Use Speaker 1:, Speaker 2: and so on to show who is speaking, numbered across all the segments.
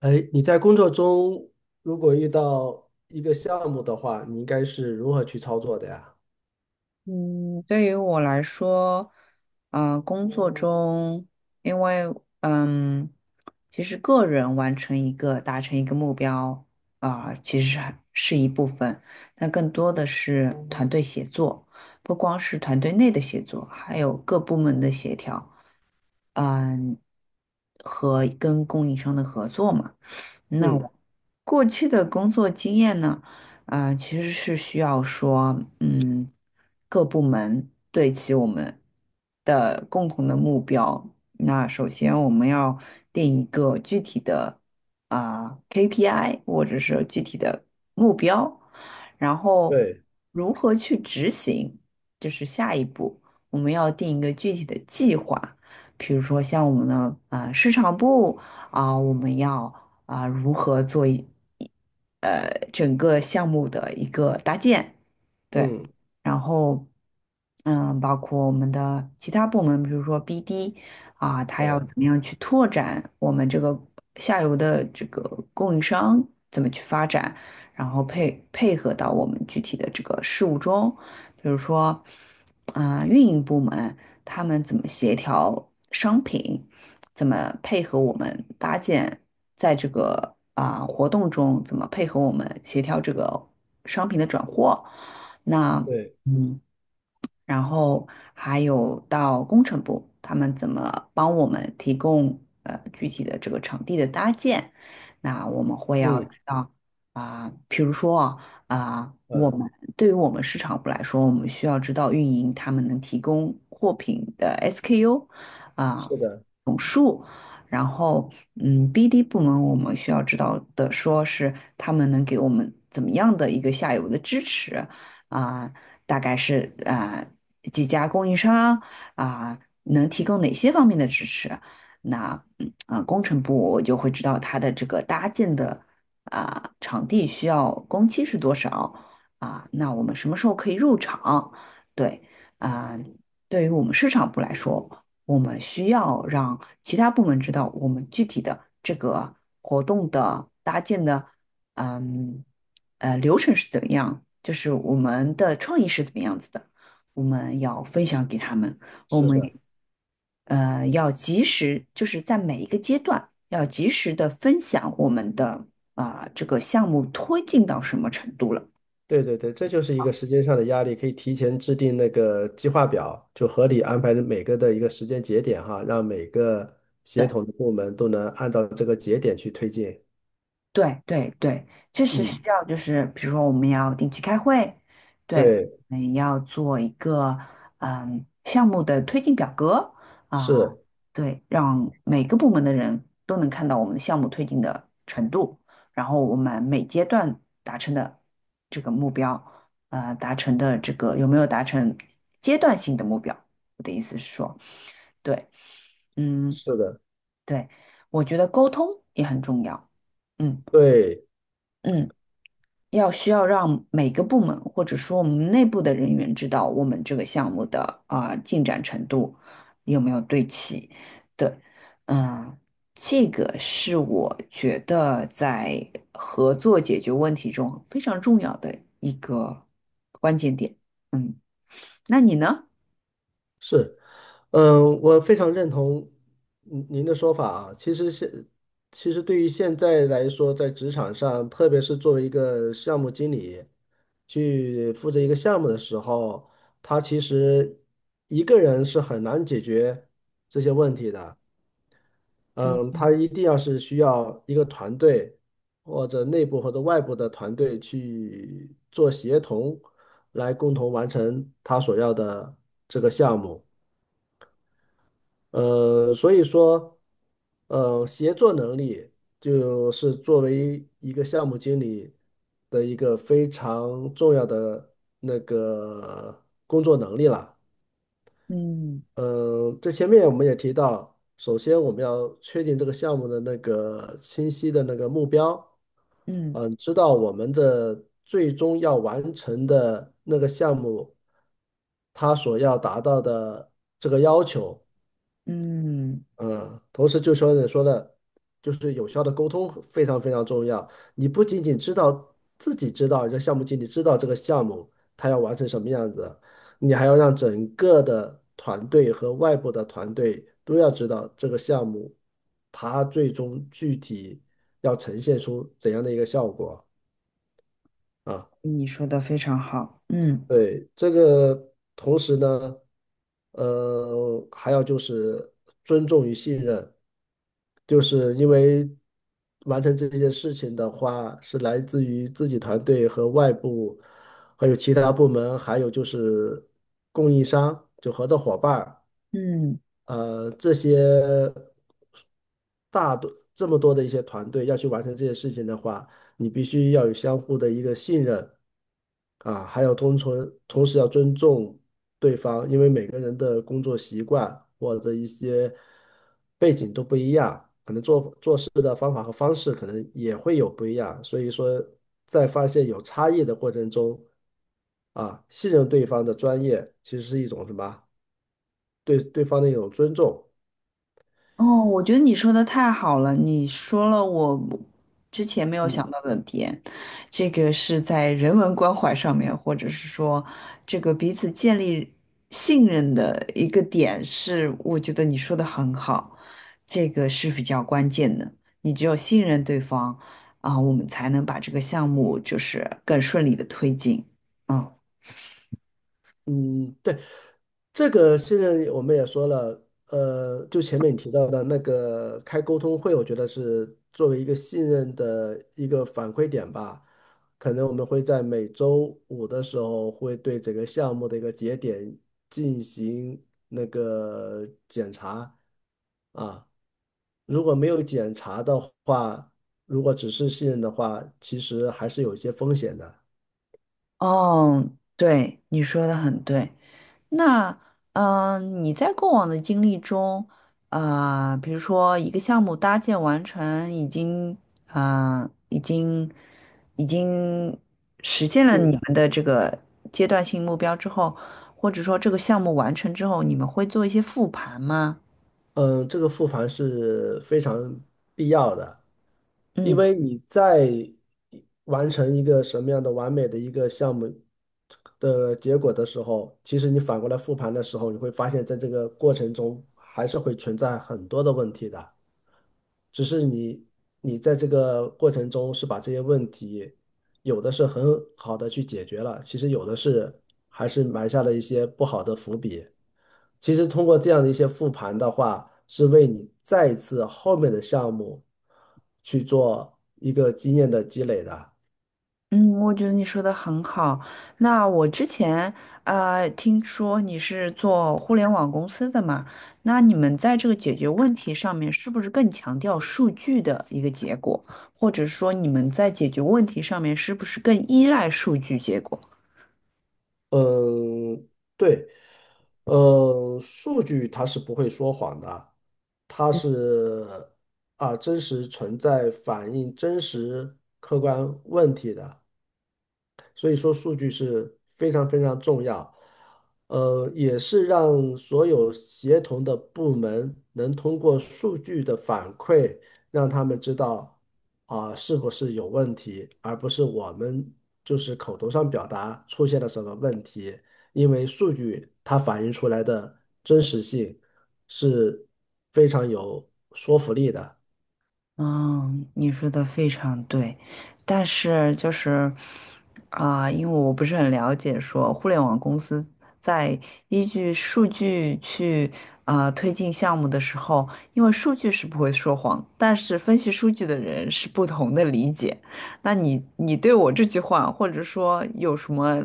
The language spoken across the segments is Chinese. Speaker 1: 哎，你在工作中如果遇到一个项目的话，你应该是如何去操作的呀？
Speaker 2: 嗯，对于我来说，工作中，因为嗯，其实个人完成一个达成一个目标，其实还是一部分，但更多的是团队协作，不光是团队内的协作，还有各部门的协调，嗯，和跟供应商的合作嘛。那
Speaker 1: 嗯，
Speaker 2: 我过去的工作经验呢，其实是需要说，各部门对齐我们的共同的目标。那首先我们要定一个具体的KPI 或者是具体的目标，然后
Speaker 1: 对，
Speaker 2: 如何去执行，就是下一步，我们要定一个具体的计划。比如说像我们的市场部我们要。如何做整个项目的一个搭建，对，
Speaker 1: 嗯
Speaker 2: 然后包括我们的其他部门，比如说 BD 他要
Speaker 1: 嗯，
Speaker 2: 怎么样去拓展我们这个下游的这个供应商怎么去发展，然后配合到我们具体的这个事务中，比如说运营部门。他们怎么协调商品，怎么配合我们搭建，在这个活动中怎么配合我们协调这个商品的转货。那
Speaker 1: 对，
Speaker 2: 嗯，然后还有到工程部，他们怎么帮我们提供具体的这个场地的搭建，那我们会要
Speaker 1: 嗯
Speaker 2: 知道啊，比如说啊，啊我
Speaker 1: 嗯，
Speaker 2: 们对于我们市场部来说，我们需要知道运营他们能提供货品的 SKU 啊
Speaker 1: 是的，
Speaker 2: 总数。然后，BD 部门我们需要知道的，说是他们能给我们怎么样的一个下游的支持，啊、大概是几家供应商啊、能提供哪些方面的支持。那工程部我就会知道它的这个搭建的场地需要工期是多少那我们什么时候可以入场？对啊、对于我们市场部来说，我们需要让其他部门知道我们具体的这个活动的搭建的嗯流程是怎么样，就是我们的创意是怎么样子的，我们要分享给他们，我
Speaker 1: 是
Speaker 2: 们
Speaker 1: 的，
Speaker 2: 要及时，就是在每一个阶段要及时的分享我们的这个项目推进到什么程度了。
Speaker 1: 对对对，这就是一个时间上的压力，可以提前制定那个计划表，就合理安排每个的一个时间节点哈，让每个协
Speaker 2: 对。
Speaker 1: 同的部门都能按照这个节点去推进。
Speaker 2: 对对对，这是需
Speaker 1: 嗯，
Speaker 2: 要，就是比如说我们要定期开会，对，
Speaker 1: 对，
Speaker 2: 我们要做一个项目的推进表格啊，
Speaker 1: 是
Speaker 2: 对，让每个部门的人都能看到我们的项目推进的程度，然后我们每阶段达成的这个目标，呃，达成的这个有没有达成阶段性的目标？我的意思是说，对，嗯，
Speaker 1: 是的，
Speaker 2: 对，我觉得沟通也很重要，嗯
Speaker 1: 对，
Speaker 2: 嗯。要需要让每个部门或者说我们内部的人员知道我们这个项目的进展程度有没有对齐。对，嗯，这个是我觉得在合作解决问题中非常重要的一个关键点。嗯，那你呢？
Speaker 1: 是。嗯，我非常认同您的说法啊。其实对于现在来说，在职场上，特别是作为一个项目经理，去负责一个项目的时候，他其实一个人是很难解决这些问题的。
Speaker 2: 嗯
Speaker 1: 嗯，他
Speaker 2: 嗯
Speaker 1: 一定要是需要一个团队，或者内部或者外部的团队去做协同，来共同完成他所要的这个项目。所以说，协作能力就是作为一个项目经理的一个非常重要的那个工作能力了。
Speaker 2: 嗯
Speaker 1: 嗯，这前面我们也提到，首先我们要确定这个项目的那个清晰的那个目标，
Speaker 2: 嗯
Speaker 1: 嗯，知道我们的最终要完成的那个项目，它所要达到的这个要求。
Speaker 2: 嗯，
Speaker 1: 嗯，同时就说你说的，就是有效的沟通非常非常重要。你不仅仅知道自己知道这项目经理知道这个项目他要完成什么样子，你还要让整个的团队和外部的团队都要知道这个项目他最终具体要呈现出怎样的一个效果啊。
Speaker 2: 你说的非常好。嗯
Speaker 1: 对，这个同时呢，还要就是尊重与信任，就是因为完成这件事情的话，是来自于自己团队和外部，还有其他部门，还有就是供应商，就合作伙伴儿。
Speaker 2: 嗯。
Speaker 1: 这些大多这么多的一些团队要去完成这些事情的话，你必须要有相互的一个信任啊，还有同存，同时要尊重对方，因为每个人的工作习惯或者一些背景都不一样，可能做事的方法和方式可能也会有不一样，所以说在发现有差异的过程中啊，信任对方的专业其实是一种什么？对对方的一种尊重。
Speaker 2: 哦，我觉得你说的太好了，你说了我之前没有想
Speaker 1: 嗯
Speaker 2: 到的点，这个是在人文关怀上面，或者是说这个彼此建立信任的一个点是，我觉得你说的很好，这个是比较关键的。你只有信任对方,我们才能把这个项目就是更顺利的推进。嗯，
Speaker 1: 嗯，这个现在我们也说了，就前面你提到的那个开沟通会，我觉得是作为一个信任的一个反馈点吧。可能我们会在每周五的时候，会对整个项目的一个节点进行那个检查啊。如果没有检查的话，如果只是信任的话，其实还是有一些风险的。
Speaker 2: 哦，对，你说的很对。那嗯、你在过往的经历中，比如说一个项目搭建完成，已经啊、呃已经已经实现了
Speaker 1: 嗯。
Speaker 2: 你们的这个阶段性目标之后，或者说这个项目完成之后，你们会做一些复盘吗？
Speaker 1: 嗯，这个复盘是非常必要的，因
Speaker 2: 嗯。
Speaker 1: 为你在完成一个什么样的完美的一个项目的结果的时候，其实你反过来复盘的时候，你会发现在这个过程中还是会存在很多的问题的，只是你在这个过程中是把这些问题。有的是很好的去解决了，其实有的是还是埋下了一些不好的伏笔。其实通过这样的一些复盘的话，是为你再一次后面的项目去做一个经验的积累的。
Speaker 2: 嗯，我觉得你说的很好。那我之前听说你是做互联网公司的嘛，那你们在这个解决问题上面是不是更强调数据的一个结果，或者说你们在解决问题上面是不是更依赖数据结果？
Speaker 1: 嗯，对，嗯，数据它是不会说谎的，它是啊真实存在、反映真实客观问题的。所以说数据是非常非常重要，也是让所有协同的部门能通过数据的反馈，让他们知道啊，是不是有问题，而不是我们就是口头上表达出现了什么问题，因为数据它反映出来的真实性是非常有说服力的。
Speaker 2: 嗯，你说的非常对，但是就是因为我不是很了解说互联网公司在依据数据去推进项目的时候，因为数据是不会说谎，但是分析数据的人是不同的理解。那你对我这句话，或者说有什么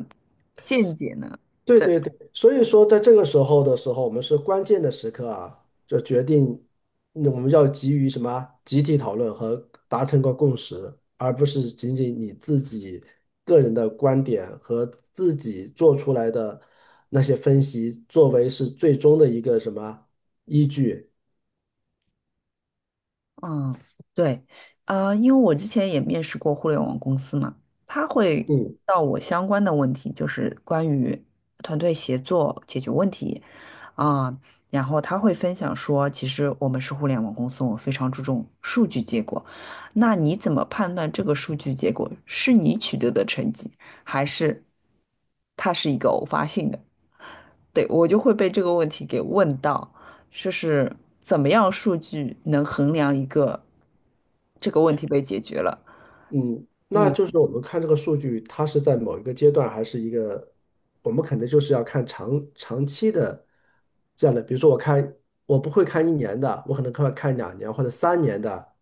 Speaker 2: 见解呢？
Speaker 1: 对
Speaker 2: 对。
Speaker 1: 对对，所以说在这个时候，我们是关键的时刻啊，就决定那我们要急于什么集体讨论和达成个共识，而不是仅仅你自己个人的观点和自己做出来的那些分析作为是最终的一个什么依据。
Speaker 2: 嗯，对，因为我之前也面试过互联网公司嘛，他会问
Speaker 1: 嗯，
Speaker 2: 到我相关的问题，就是关于团队协作解决问题，啊、然后他会分享说，其实我们是互联网公司，我们非常注重数据结果。那你怎么判断这个数据结果是你取得的成绩，还是它是一个偶发性的？对，我就会被这个问题给问到，就是怎么样数据能衡量一个这个问题被解决了
Speaker 1: 嗯，那就是我们看这个数据，它是在某一个阶段，还是一个，我们可能就是要看长期的这样的。比如说，我看我不会看一年的，我可能看看两年或者三年的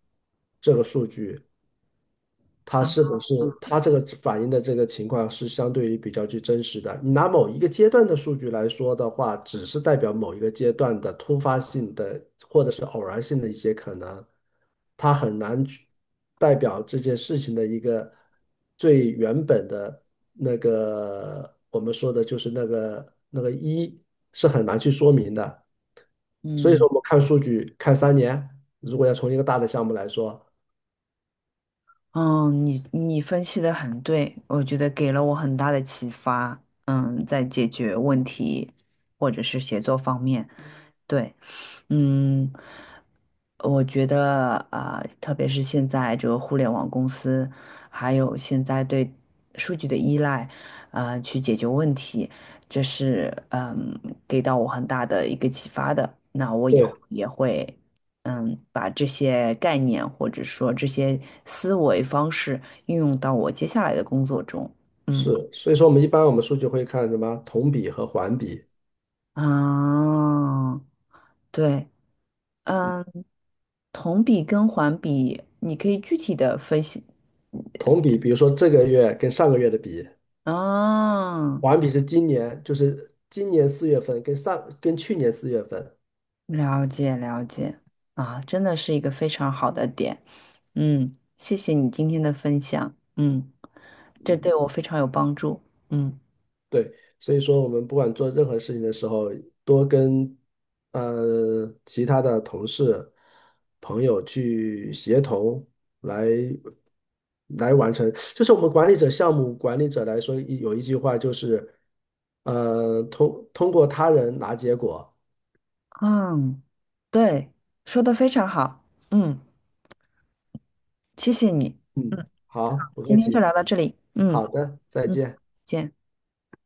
Speaker 1: 这个数据，它
Speaker 2: 啊？
Speaker 1: 是不是它这个反映的这个情况是相对于比较具真实的。你拿某一个阶段的数据来说的话，只是代表某一个阶段的突发性的或者是偶然性的一些可能，它很难去代表这件事情的一个最原本的那个我们说的就是那个那个一是很难去说明的。所以说，
Speaker 2: 嗯
Speaker 1: 我们看数据看三年，如果要从一个大的项目来说。
Speaker 2: 嗯，你你分析的很对，我觉得给了我很大的启发。嗯，在解决问题或者是写作方面，对。嗯，我觉得特别是现在这个互联网公司，还有现在对数据的依赖，去解决问题，这是给到我很大的一个启发的。那我以后
Speaker 1: 对。
Speaker 2: 也会把这些概念或者说这些思维方式运用到我接下来的工作中。嗯
Speaker 1: 是，所以说我们一般我们数据会看什么同比和环比。
Speaker 2: 啊，对，嗯。同比跟环比，你可以具体的分析。
Speaker 1: 同比，比如说这个月跟上个月的比，
Speaker 2: 啊，
Speaker 1: 环比是今年，就是今年四月份跟上跟去年四月份。
Speaker 2: 了解了解，啊，真的是一个非常好的点。嗯，谢谢你今天的分享。嗯，这
Speaker 1: 嗯，
Speaker 2: 对我非常有帮助。嗯
Speaker 1: 对。所以说我们不管做任何事情的时候，多跟其他的同事、朋友去协同来来完成。就是我们管理者、项目管理者来说，有一句话就是，通过他人拿结果。
Speaker 2: 嗯，对，说的非常好。嗯，谢谢你。
Speaker 1: 嗯，
Speaker 2: 嗯，
Speaker 1: 好，不客
Speaker 2: 今天就
Speaker 1: 气。
Speaker 2: 聊到这里。嗯
Speaker 1: 好的，再
Speaker 2: 嗯，
Speaker 1: 见。
Speaker 2: 见。